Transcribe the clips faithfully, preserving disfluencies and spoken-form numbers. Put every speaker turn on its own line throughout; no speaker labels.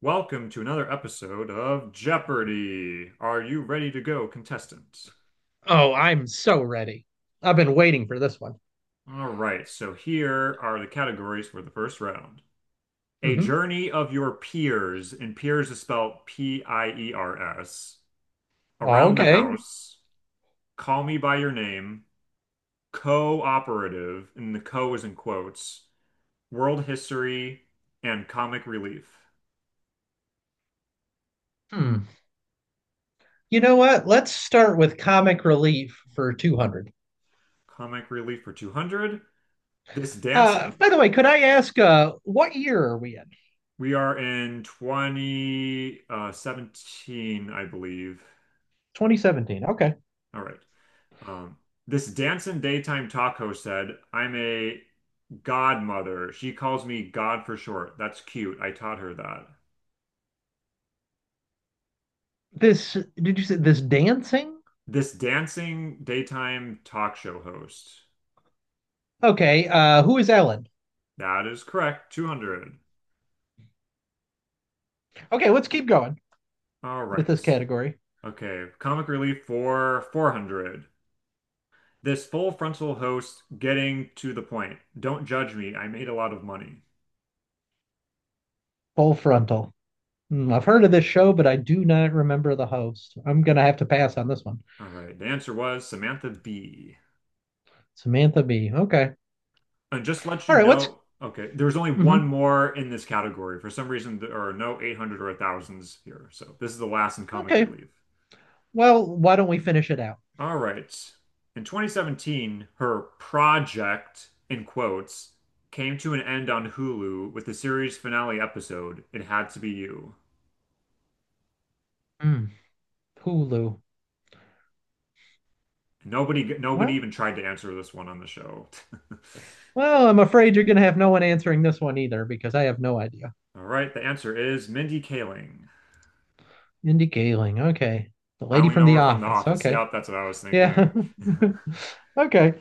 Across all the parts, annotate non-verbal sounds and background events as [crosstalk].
Welcome to another episode of Jeopardy! Are you ready to go, contestant?
Oh, I'm so ready. I've been waiting for this one.
All right, so here are the categories for the first round. A
hmm
journey of your peers, and peers is spelled P I E R S, around the
Okay.
house, call me by your name, cooperative, and the co is in quotes, world history, and comic relief.
Hmm. You know what? Let's start with comic relief for two hundred.
Comic relief for two hundred. This
Uh,
dancing.
by the way, could I ask uh, what year are we in?
We are in twenty seventeen, I believe.
twenty seventeen. Okay.
All right. Um, this dancing daytime talk host said, I'm a godmother. She calls me God for short. That's cute. I taught her that.
This, did you say this dancing?
This dancing daytime talk show host.
Okay. Uh, who is Ellen?
That is correct. two hundred.
Okay, let's keep going
All
with this
right.
category.
Okay. Comic relief for four hundred. This full frontal host getting to the point. Don't judge me. I made a lot of money.
Full frontal. Hmm, I've heard of this show, but I do not remember the host. I'm going to have to pass on this one.
All right. The answer was Samantha B.
Samantha Bee. Okay.
And just to let
All
you
right. Let's.
know, okay, there's only one
Mhm.
more in this category. For some reason, there are no eight hundred or thousands here. So this is the last in comic
Okay.
relief.
Well, why don't we finish it out?
All right. In twenty seventeen, her project, in quotes, came to an end on Hulu with the series finale episode, It Had to Be You.
Mm, Hulu.
Nobody, nobody
Well,
even tried to answer this one on the show.
well, I'm afraid you're going to have no one answering this one either because I have no idea.
[laughs] All right, the answer is Mindy Kaling.
Mindy Kaling. Okay. The
I
lady
only
from
know
The
her from The
Office.
Office.
Okay.
Yep, that's what I was
Yeah.
thinking. [laughs]
[laughs] okay.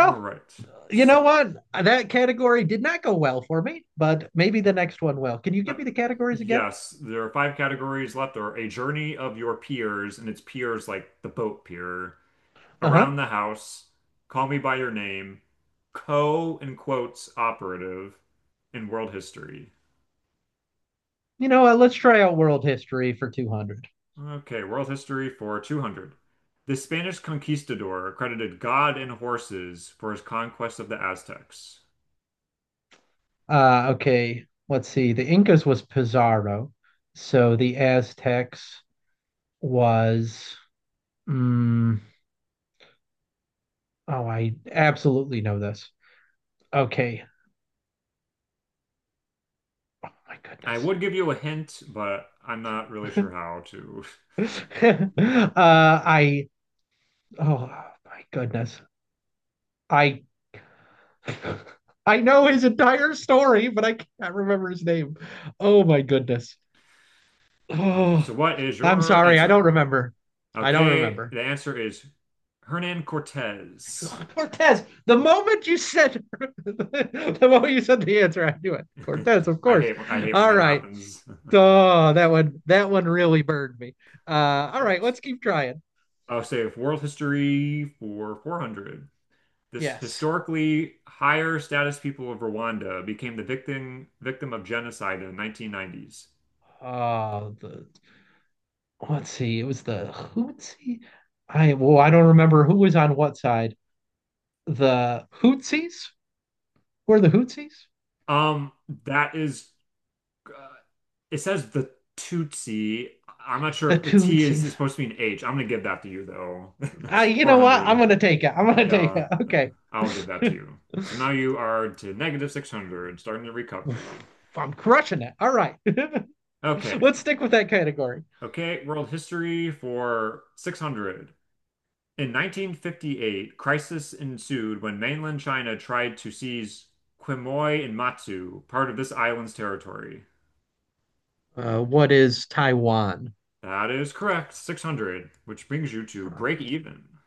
All right.
you
So,
know what? That category did not go well for me, but maybe the next one will. Can you
uh,
give me the categories again?
yes, there are five categories left. There are a journey of your peers, and it's peers like the boat pier,
Uh huh.
around the house, call me by your name, co in quotes operative, in world history.
You know what? Let's try out world history for two hundred.
Okay, world history for two hundred. The Spanish conquistador credited God and horses for his conquest of the Aztecs.
Uh, okay. Let's see. The Incas was Pizarro. So the Aztecs was Mm, oh, I absolutely know this. Okay. Oh my
I
goodness.
would give you a hint, but I'm not really sure how to.
[laughs] uh, I. Oh my goodness. I. [laughs] I know his entire story, but I can't remember his name. Oh my goodness.
Um,
Oh,
so, what is
I'm
your
sorry. I don't
answer?
remember. I don't
Okay,
remember.
the answer is Hernan Cortez.
Cortez. The moment you said [laughs] the moment you said the answer, I knew it. Cortez, of
[laughs] I
course.
hate when I hate when
All
that
right.
happens. [laughs]
Oh, that one that one really burned me. Uh, all right,
Right.
let's keep trying.
I'll save world history for four hundred. This
Yes.
historically higher status people of Rwanda became the victim victim of genocide in the nineteen nineties.
Uh, the let's see. It was the Hootsie. I well, I don't remember who was on what side. The Hootsies were the Hootsies.
Um, that is, uh, it says the Tutsi. I'm not sure
The
if the T is, is
Tootsies.
supposed to be an H. I'm gonna give that to you though.
I,
[laughs]
you know what? I'm
four hundred.
gonna take it. I'm gonna take
Yeah,
it. Okay.
I'll give that to you. So now
[sighs]
you are to negative six hundred, starting the recovery.
I'm crushing it. All right. [laughs]
Okay.
Let's stick with that category.
Okay, world history for six hundred. In nineteen fifty-eight, crisis ensued when mainland China tried to seize Quemoy and Matsu, part of this island's territory.
Uh, what is Taiwan?
That is correct, six hundred, which brings you to break even.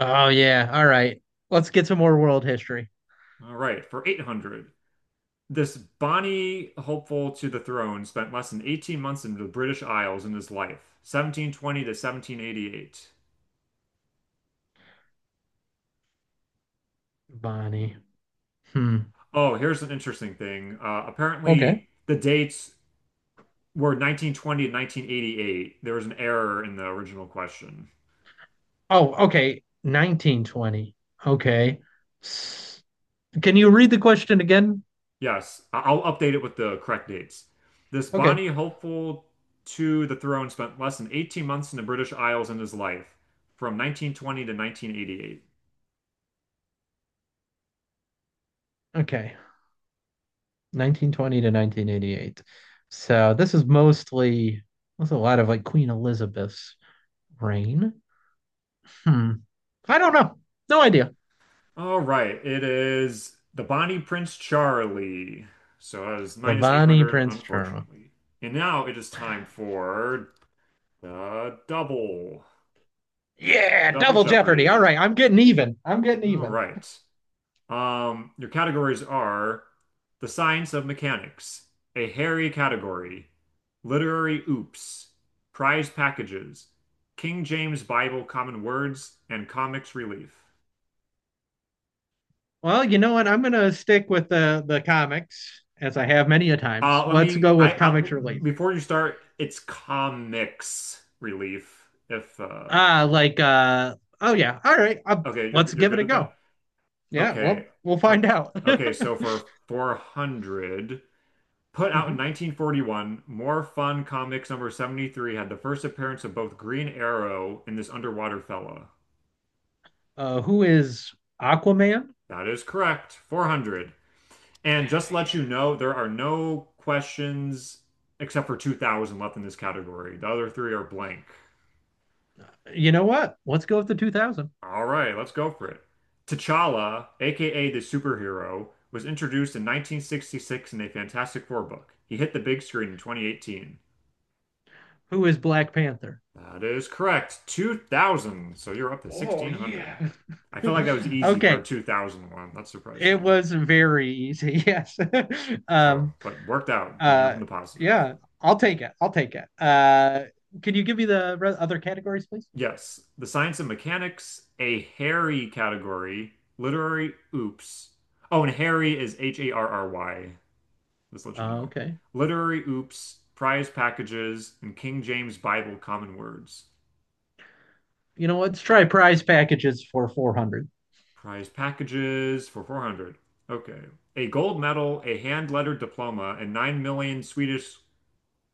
Oh yeah. All right. Let's get some more world history.
All right, for eight hundred. This Bonnie, hopeful to the throne, spent less than eighteen months in the British Isles in his life, seventeen twenty to seventeen eighty-eight.
Bonnie. Hmm.
Oh, here's an interesting thing. Uh,
Okay.
apparently, the dates were nineteen twenty to nineteen eighty-eight. There was an error in the original question.
Oh, okay. nineteen twenty. Okay. S- Can you read the question again?
Yes, I- I'll update it with the correct dates. This
Okay.
Bonnie, hopeful to the throne, spent less than eighteen months in the British Isles in his life, from nineteen twenty to nineteen eighty-eight.
Okay. nineteen twenty to nineteen eighty-eight. So this is mostly, there's a lot of like Queen Elizabeth's reign. Hmm. I don't know. No idea.
All right, it is the Bonnie Prince Charlie. So I was minus
The
eight hundred,
Prince drama.
unfortunately. And now it is time for the double,
Yeah,
double
double jeopardy. All
Jeopardy.
right, I'm getting even. I'm getting
All
even.
right. Um, your categories are the science of mechanics, a hairy category, literary oops, prize packages, King James Bible common words, and comics relief.
Well, you know what? I'm gonna stick with the the comics as I have many a times.
Uh, let
Let's
me.
go
I,
with
I
comics related.
before you start, it's comics relief. If uh,
Ah, like uh oh yeah. All right. Uh,
okay, you're
let's
you're
give it
good
a
with that.
go. Yeah,
Okay,
well, we'll find
okay,
out.
okay. So
[laughs]
for four hundred, put out in
Mhm.
nineteen forty-one, More Fun Comics number seventy-three had the first appearance of both Green Arrow and this underwater fella.
Uh who is Aquaman?
That is correct. four hundred. And
Yeah,
just to let you
yeah.
know, there are no questions except for two thousand left in this category. The other three are blank.
You know what? Let's go with the two thousand.
All right, let's go for it. T'Challa, aka the superhero, was introduced in nineteen sixty-six in a Fantastic Four book. He hit the big screen in twenty eighteen.
Who is Black Panther?
That is correct. two thousand. So you're up to
Oh,
sixteen hundred.
yeah.
I felt like
[laughs]
that was easy for a
Okay.
two thousand one. That surprised
It
me.
was very easy. [laughs] Yes. [laughs]
So,
Um
but worked out when you're
uh
in the positive.
yeah, I'll take it. I'll take it. Uh can you give me the re- other categories please?
Yes, the science and mechanics, a hairy category, literary oops. Oh, and Harry is H A R R Y. Just let you
Uh,
know.
okay.
Literary oops, prize packages, and King James Bible common words.
You know what? Let's try prize packages for four hundred.
Prize packages for four hundred. Okay. A gold medal, a hand-lettered diploma, and nine million Swedish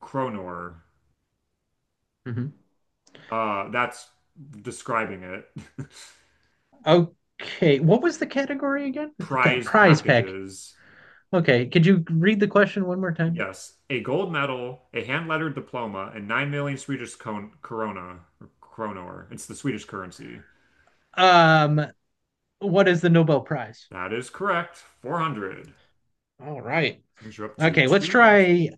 kronor.
hmm
Uh, that's describing it. [laughs]
Okay. What was the category again? The
Prize
prize pack.
packages.
Okay. Could you read the question one more time?
Yes, a gold medal, a hand-lettered diploma, and nine million Swedish kon corona or kronor. It's the Swedish currency.
Um, what is the Nobel Prize?
That is correct. four hundred.
All right.
Brings you up to
Okay, let's
two thousand.
try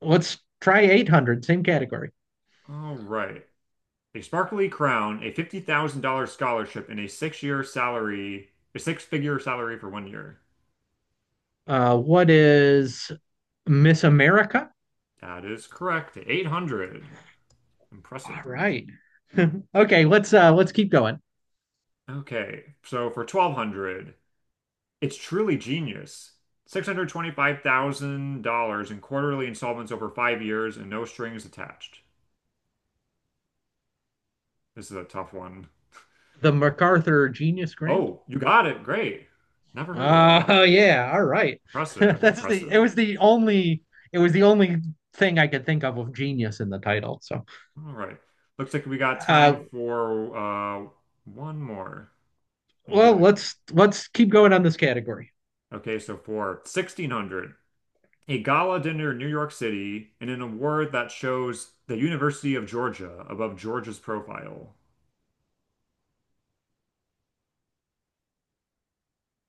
let's try eight hundred, same category.
All right. A sparkly crown, a fifty thousand dollars scholarship, and a six-year salary, a six-figure salary for one year.
Uh, what is Miss America?
That is correct. eight hundred. Impressive.
All right. [laughs] okay, let's uh let's keep going.
Okay. So for twelve hundred, it's truly genius. six hundred twenty-five thousand dollars in quarterly installments over five years and no strings attached. This is a tough one.
The MacArthur Genius Grant.
Oh, you got it. Great. Never heard of that.
Oh yeah, all right. [laughs]
Impressive.
That's the it
Impressive.
was the only it was the only thing I could think of with genius in the title. So
All right. Looks like we got time
uh
for uh one more in
well,
Daily Go.
let's let's keep going on this category.
Okay, so for sixteen hundred, a gala dinner in New York City and an award that shows the University of Georgia above Georgia's profile.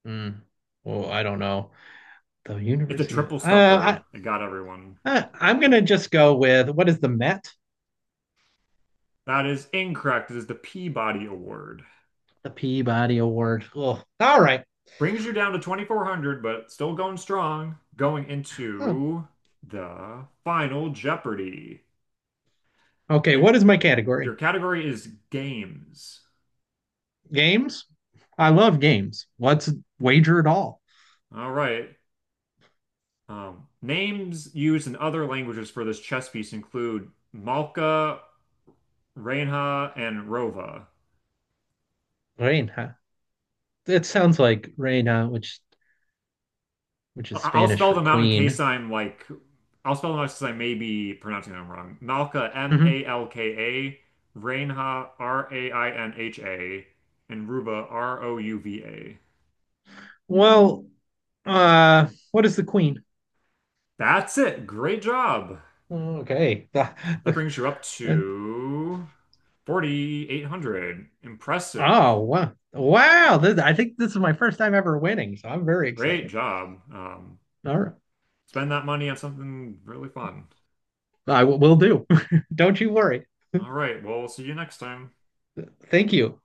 Hmm. Well, I don't know. The
It's a
University of uh,
triple stumper.
I,
It got everyone.
I I'm gonna just go with what is the Met?
That is incorrect. It is the Peabody Award.
The Peabody Award. Oh, all right.
Brings you down to twenty-four hundred, but still going strong. Going
Oh,
into the final Jeopardy.
okay.
The,
What is my category?
your category is games.
Games. I love games. Let's wager it all.
All right. Um, names used in other languages for this chess piece include Malka, Reinha, and Rova.
Reina. It sounds like reina, which which is
I- I'll
Spanish
spell
for
them out in case
queen.
I'm like, I'll spell them out since I may be pronouncing them wrong. Malka,
Mhm.
M A L K A, Reinha, R A I N H A, and Ruva, R O U V A.
Well, uh, what is the queen?
That's it. Great job.
Okay.
That
[laughs]
brings you up to forty-eight hundred. Impressive.
Oh, wow. Wow. This, I think this is my first time ever winning, so I'm very
Great
excited.
job. Um,
All right.
spend that money on something really fun.
I will do. [laughs] Don't you worry.
All right. Well, we'll see you next time.
Thank you.